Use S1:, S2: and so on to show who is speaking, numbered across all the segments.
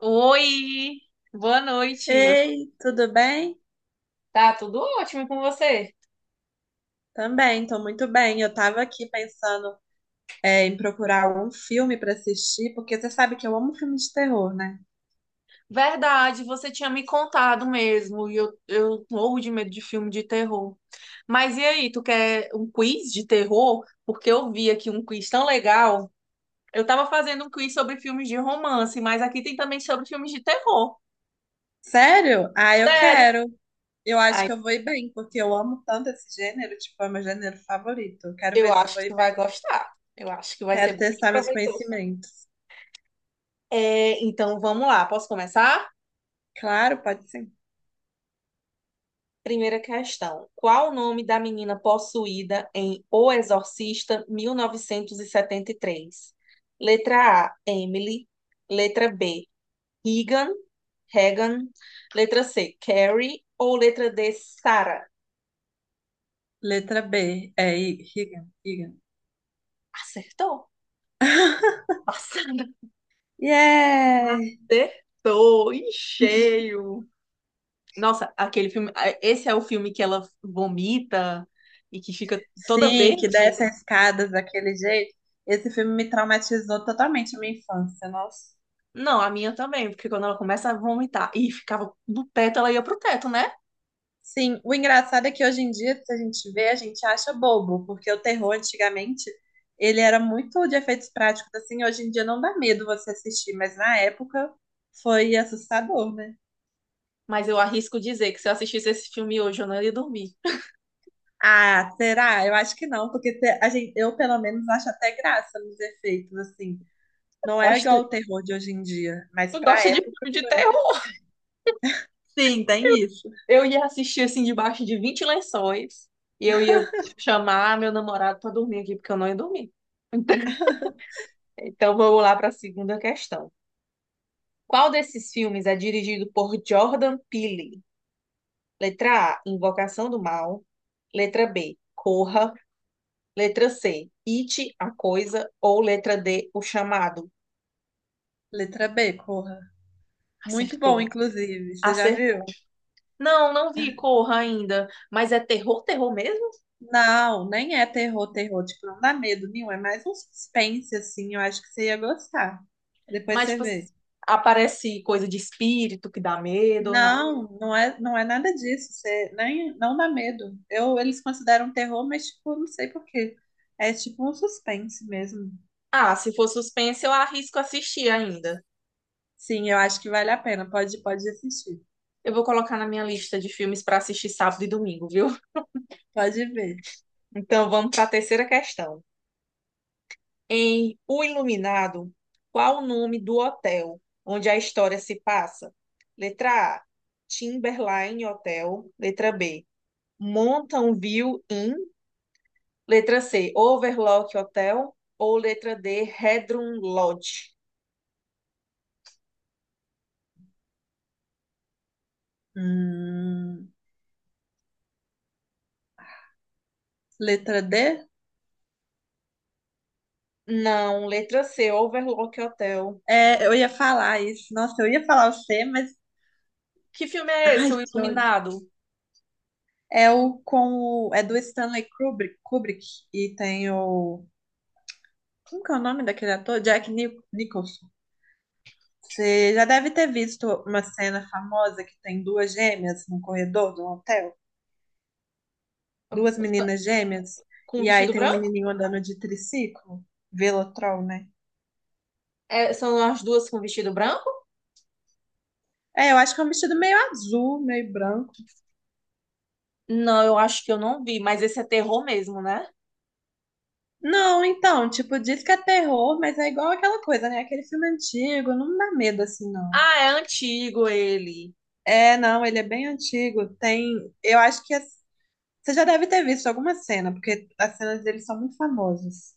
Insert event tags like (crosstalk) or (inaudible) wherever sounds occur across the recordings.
S1: Oi, boa noite.
S2: Ei, tudo bem?
S1: Tá tudo ótimo com você?
S2: Também, tô muito bem. Eu tava aqui pensando, em procurar um filme pra assistir, porque você sabe que eu amo filme de terror, né?
S1: Verdade, você tinha me contado mesmo, e eu morro de medo de filme de terror. Mas e aí, tu quer um quiz de terror? Porque eu vi aqui um quiz tão legal. Eu tava fazendo um quiz sobre filmes de romance, mas aqui tem também sobre filmes de terror.
S2: Sério? Ah, eu
S1: Sério?
S2: quero. Eu acho
S1: Ai,
S2: que eu vou ir bem, porque eu amo tanto esse gênero, tipo, é meu gênero favorito. Eu quero
S1: eu
S2: ver se eu
S1: acho
S2: vou
S1: que
S2: ir
S1: tu
S2: bem.
S1: vai gostar. Eu acho que vai ser
S2: Quero
S1: bem
S2: testar meus
S1: proveitoso.
S2: conhecimentos.
S1: É, então vamos lá, posso começar?
S2: Claro, pode sim.
S1: Primeira questão. Qual o nome da menina possuída em O Exorcista mil novecentos e setenta e três? Letra A, Emily. Letra B, Regan. Regan. Letra C, Carrie. Ou letra D, Sarah?
S2: Letra B, é Higan, Higan.
S1: Acertou?
S2: (laughs)
S1: Nossa,
S2: Yeah!
S1: acertou em cheio. Nossa, aquele filme. Esse é o filme que ela vomita e que fica toda
S2: Sim, que
S1: verde?
S2: desce as escadas daquele jeito. Esse filme me traumatizou totalmente a minha infância, nossa.
S1: Não, a minha também, porque quando ela começa a vomitar e ficava do teto, ela ia pro teto, né?
S2: Sim, o engraçado é que hoje em dia, se a gente vê, a gente acha bobo, porque o terror antigamente, ele era muito de efeitos práticos, assim, hoje em dia não dá medo você assistir, mas na época foi assustador, né?
S1: Mas eu arrisco dizer que se eu assistisse esse filme hoje, eu não ia dormir.
S2: Ah, será? Eu acho que não, porque a gente, eu pelo menos acho até graça nos efeitos, assim. Não
S1: Eu
S2: é
S1: acho que
S2: igual
S1: tu,
S2: o terror de hoje em dia, mas
S1: tu
S2: pra
S1: gosta de
S2: época
S1: filme de
S2: foi muito.
S1: terror.
S2: Sim, tem isso.
S1: Eu ia assistir assim debaixo de 20 lençóis e eu ia chamar meu namorado pra dormir aqui, porque eu não ia dormir. Então vamos lá pra segunda questão. Qual desses filmes é dirigido por Jordan Peele? Letra A, Invocação do Mal. Letra B, Corra. Letra C, it, a coisa, ou letra D, o chamado.
S2: Letra B, Corra. Muito bom,
S1: Acertou.
S2: inclusive. Você já viu?
S1: Acertou. Não, não vi Corra ainda. Mas é terror, terror mesmo?
S2: Não, nem é terror, terror. Tipo, não dá medo nenhum. É mais um suspense, assim. Eu acho que você ia gostar. Depois
S1: Mas,
S2: você
S1: tipo,
S2: vê.
S1: aparece coisa de espírito que dá medo ou não?
S2: Não, não é nada disso. Você nem, não dá medo. Eu, eles consideram terror, mas, tipo, não sei por quê. É tipo um suspense mesmo.
S1: Ah, se for suspense, eu arrisco assistir ainda.
S2: Sim, eu acho que vale a pena. Pode assistir.
S1: Eu vou colocar na minha lista de filmes para assistir sábado e domingo, viu? (laughs)
S2: Pode ver.
S1: Então vamos para a terceira questão. Em O Iluminado, qual o nome do hotel onde a história se passa? Letra A, Timberline Hotel. Letra B, Mountain View Inn. Letra C, Overlock Hotel. Ou letra D, Redrum Lodge.
S2: Hum, letra D?
S1: Não, letra C, Overlock Hotel.
S2: É, eu ia falar isso. Nossa, eu ia falar o C, mas.
S1: Que filme é esse,
S2: Ai,
S1: O
S2: que ódio.
S1: Iluminado?
S2: É o com o, é do Stanley Kubrick, Kubrick e tem o como que é o nome daquele ator? Jack Nicholson. Você já deve ter visto uma cena famosa que tem duas gêmeas num corredor de um hotel, duas meninas gêmeas,
S1: Com
S2: e aí
S1: vestido
S2: tem um
S1: branco?
S2: menininho andando de triciclo, Velotrol, né?
S1: É, são as duas com vestido branco?
S2: É, eu acho que é um vestido meio azul, meio branco.
S1: Não, eu acho que eu não vi, mas esse é terror mesmo, né?
S2: Não, então, tipo, diz que é terror, mas é igual aquela coisa, né? Aquele filme antigo, não dá medo assim, não.
S1: Ah, é antigo ele.
S2: É, não, ele é bem antigo. Tem, eu acho que você já deve ter visto alguma cena, porque as cenas dele são muito famosas.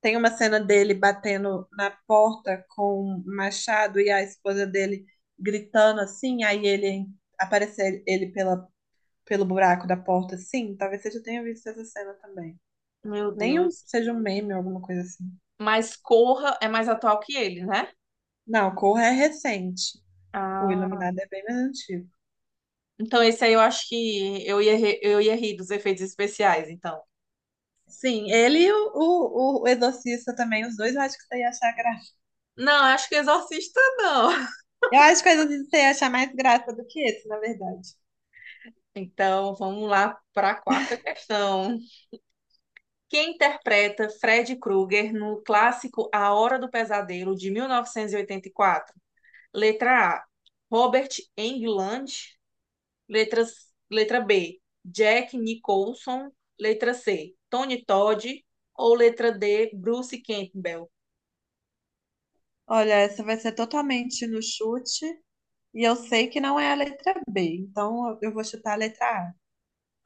S2: Tem uma cena dele batendo na porta com um machado e a esposa dele gritando assim, aí ele aparecer ele pela, pelo buraco da porta assim. Talvez você já tenha visto essa cena também.
S1: Meu
S2: Nem um-
S1: Deus.
S2: seja um meme ou alguma coisa assim.
S1: Mas Corra é mais atual que ele, né?
S2: Não, Corra é recente. O
S1: Ah,
S2: Iluminado é bem mais antigo.
S1: então esse aí eu acho que eu ia rir dos efeitos especiais, então.
S2: Sim, ele e o Exorcista também, os dois eu acho que você ia achar graça.
S1: Não, acho que Exorcista não. (laughs)
S2: Eu acho que o Exorcista você ia achar mais graça do que esse, na verdade.
S1: Então vamos lá para a quarta questão. Quem interpreta Fred Krueger no clássico A Hora do Pesadelo de mil novecentos e oitenta e quatro. Letra A, Robert Englund. Letra B, Jack Nicholson. Letra C, Tony Todd. Ou letra D, Bruce Campbell.
S2: Olha, essa vai ser totalmente no chute, e eu sei que não é a letra B, então eu vou chutar a letra A.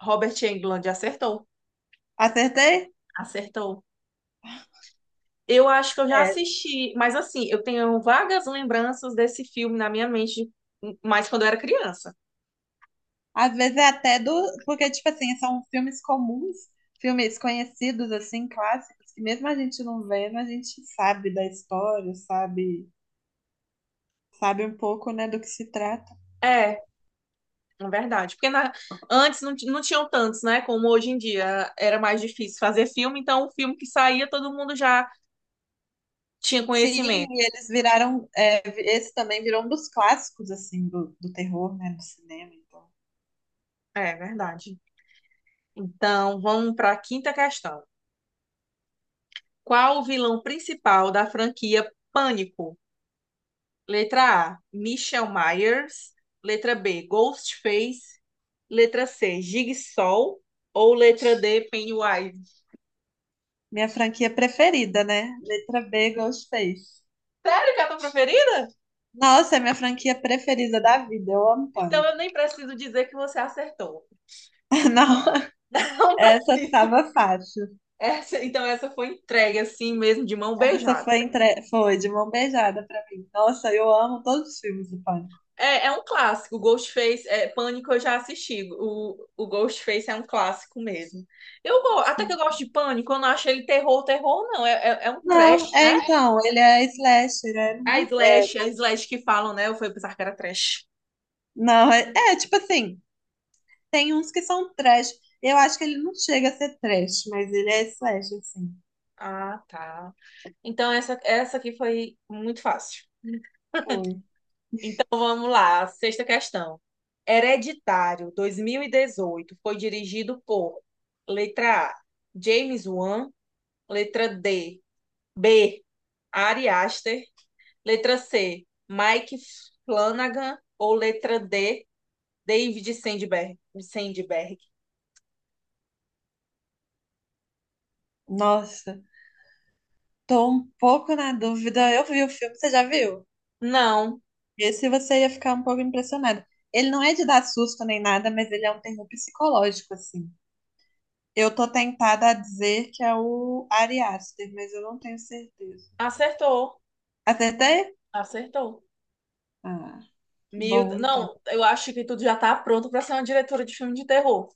S1: Robert Englund acertou.
S2: Acertei?
S1: Acertou. Eu acho que eu já
S2: É.
S1: assisti, mas assim, eu tenho vagas lembranças desse filme na minha mente, mais quando eu era criança.
S2: Às vezes é até do. Porque, tipo assim, são filmes comuns, filmes conhecidos, assim, clássicos, que mesmo a gente não vendo, a gente sabe da história, sabe, sabe um pouco, né, do que se trata.
S1: É, é verdade. Porque antes não, não tinham tantos, né? Como hoje em dia era mais difícil fazer filme, então o filme que saía todo mundo já tinha
S2: Sim,
S1: conhecimento.
S2: e eles viraram. É, esse também virou um dos clássicos, assim, do terror, né, do cinema. Então.
S1: É verdade. Então, vamos para a quinta questão. Qual o vilão principal da franquia Pânico? Letra A, Michelle Myers. Letra B, Ghostface. Letra C, Jigsaw. Ou letra D, Pennywise.
S2: Minha franquia preferida, né? Letra B, Ghostface.
S1: Sério que é a tua preferida?
S2: Nossa, é minha franquia preferida da vida. Eu amo
S1: Então
S2: Pânico.
S1: eu nem preciso dizer que você acertou.
S2: (laughs) Não,
S1: (laughs) Não
S2: essa
S1: preciso.
S2: tava fácil.
S1: Então essa foi entregue assim mesmo, de mão
S2: Essa
S1: beijada.
S2: foi, entre, foi de mão beijada pra mim. Nossa, eu amo todos os filmes do Pânico.
S1: É, é um clássico. Ghostface, é, Pânico eu já assisti. O Ghostface é um clássico mesmo. Eu até que eu
S2: Sim.
S1: gosto de Pânico, eu não acho ele terror, terror, não. É um
S2: Não,
S1: trash,
S2: é
S1: né?
S2: então, ele é slasher, é,
S1: A
S2: não é, é-
S1: slash, a slash que falam, né? Eu fui pensar que era trash.
S2: não, é, tipo assim, tem uns que são trash. Eu acho que ele não chega a ser trash, mas ele é slasher, sim.
S1: Ah, tá. Então essa aqui foi muito fácil.
S2: Foi.
S1: Então vamos lá, sexta questão. Hereditário 2018, foi dirigido por letra A, James Wan, letra B, Ari Aster, letra C, Mike Flanagan. Ou letra D, David Sandberg. Sandberg.
S2: Nossa, tô um pouco na dúvida. Eu vi o filme, você já viu?
S1: Não,
S2: Esse você ia ficar um pouco impressionado. Ele não é de dar susto nem nada, mas ele é um terror psicológico, assim. Eu tô tentada a dizer que é o Ari Aster, mas eu não tenho certeza.
S1: acertou.
S2: Acertei?
S1: Acertou.
S2: Ah, que bom, então.
S1: Não, eu acho que tudo já tá pronto para ser uma diretora de filme de terror.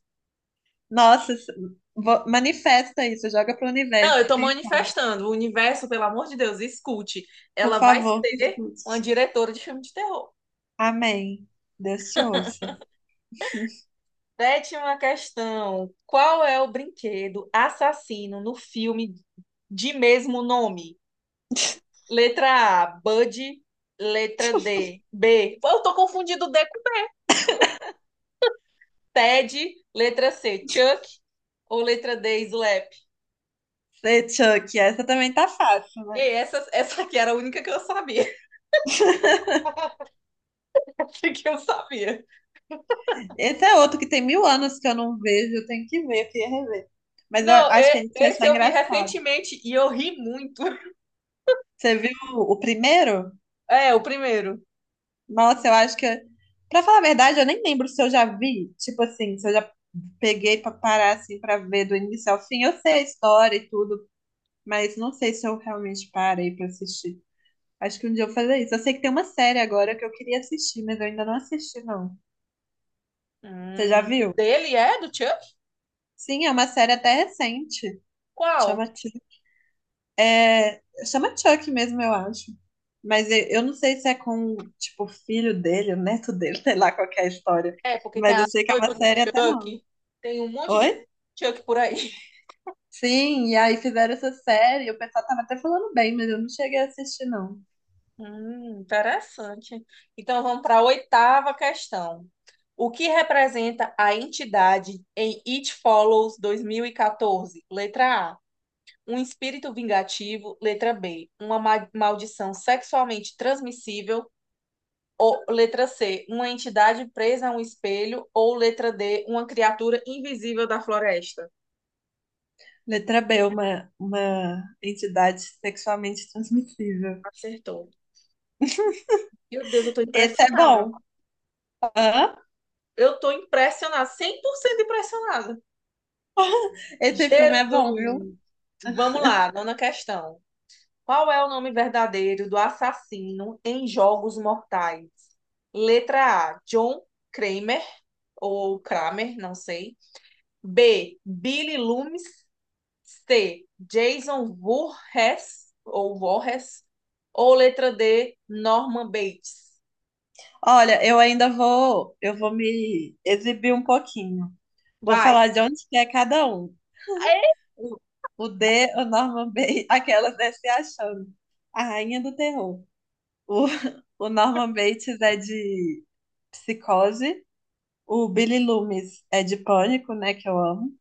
S2: Nossa, manifesta isso, joga pro
S1: Não, eu
S2: universo,
S1: tô
S2: quem sabe?
S1: manifestando. O universo, pelo amor de Deus, escute.
S2: Por
S1: Ela vai
S2: favor, me
S1: ser
S2: escute.
S1: uma diretora de filme de terror.
S2: Amém. Deus te ouça.
S1: Sétima questão. Qual é o brinquedo assassino no filme de mesmo nome? Letra A, Bud. Letra B. Eu tô confundindo D com Ted. Letra C, Chuck. Ou letra D, Slap.
S2: Sei, Chuck, essa também tá fácil, né?
S1: Ei, essa aqui era a única que eu sabia. (laughs) que eu sabia.
S2: Esse é outro que tem mil anos que eu não vejo, eu tenho que ver, eu queria rever. Mas eu
S1: Não,
S2: acho que a gente ia
S1: esse
S2: achar
S1: eu vi
S2: engraçado.
S1: recentemente e eu ri muito.
S2: Você viu o primeiro?
S1: É, o primeiro.
S2: Nossa, eu acho que. Pra falar a verdade, eu nem lembro se eu já vi. Tipo assim, se eu já peguei pra parar assim pra ver do início ao fim. Eu sei a história e tudo, mas não sei se eu realmente parei pra assistir. Acho que um dia eu vou fazer isso. Eu sei que tem uma série agora que eu queria assistir, mas eu ainda não assisti, não. Você já
S1: O
S2: viu?
S1: dele é do Chuck?
S2: Sim, é uma série até recente.
S1: Qual?
S2: Chama, é, chama Chuck mesmo, eu acho. Mas eu não sei se é com, tipo, o filho dele, o neto dele, (laughs) sei lá qual que é a história.
S1: É, porque tem
S2: Mas eu
S1: a
S2: sei que é
S1: noiva
S2: uma
S1: do
S2: série até não.
S1: Chuck. Tem um monte de
S2: Oi?
S1: Chuck por aí.
S2: Sim, e aí fizeram essa série, o pessoal tava até falando bem, mas eu não cheguei a assistir, não.
S1: Interessante. Então vamos para a oitava questão. O que representa a entidade em It Follows 2014? Letra A, um espírito vingativo. Letra B, uma maldição sexualmente transmissível. Ou letra C, uma entidade presa a um espelho. Ou letra D, uma criatura invisível da floresta.
S2: Letra B, uma entidade sexualmente transmissível.
S1: Acertou. Meu Deus, eu tô
S2: Esse é
S1: impressionada.
S2: bom. Hã?
S1: Eu tô impressionada, 100% impressionada.
S2: (laughs) Esse filme
S1: Jesus!
S2: é bom, viu?
S1: Vamos lá, nona questão. Qual é o nome verdadeiro do assassino em Jogos Mortais? Letra A, John Kramer, ou Kramer, não sei. B, Billy Loomis. C, Jason Voorhees, ou Voorhees. Ou letra D, Norman Bates.
S2: Olha, eu ainda vou, eu vou me exibir um pouquinho. Vou
S1: Vai.
S2: falar de onde que é cada um.
S1: É?
S2: O, o D, o Norman Bates, aquelas né, se achando. A rainha do terror. O, (laughs) o Norman Bates é de psicose. O Billy Loomis é de Pânico, né? Que eu amo.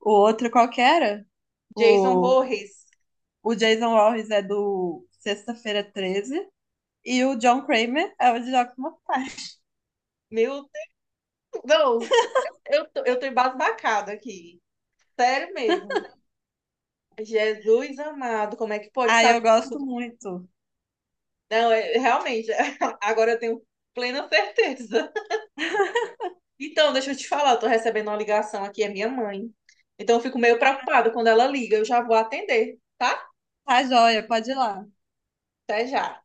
S2: O outro qual que era?
S1: Jason
S2: O,
S1: Voorhees.
S2: o Jason Voorhees é do Sexta-feira 13. E o John Kramer é o de Jogos Mortais.
S1: Meu Deus, não, eu tô embasbacada aqui. Sério mesmo. Jesus amado, como é que pode
S2: Ah, eu
S1: saber?
S2: gosto muito.
S1: Não, realmente, (laughs) agora eu tenho plena certeza. Então, deixa eu te falar, eu tô recebendo uma ligação aqui, é minha mãe. Então, eu fico meio preocupada quando ela liga, eu já vou atender, tá?
S2: Tá joia, pode ir lá.
S1: Até já.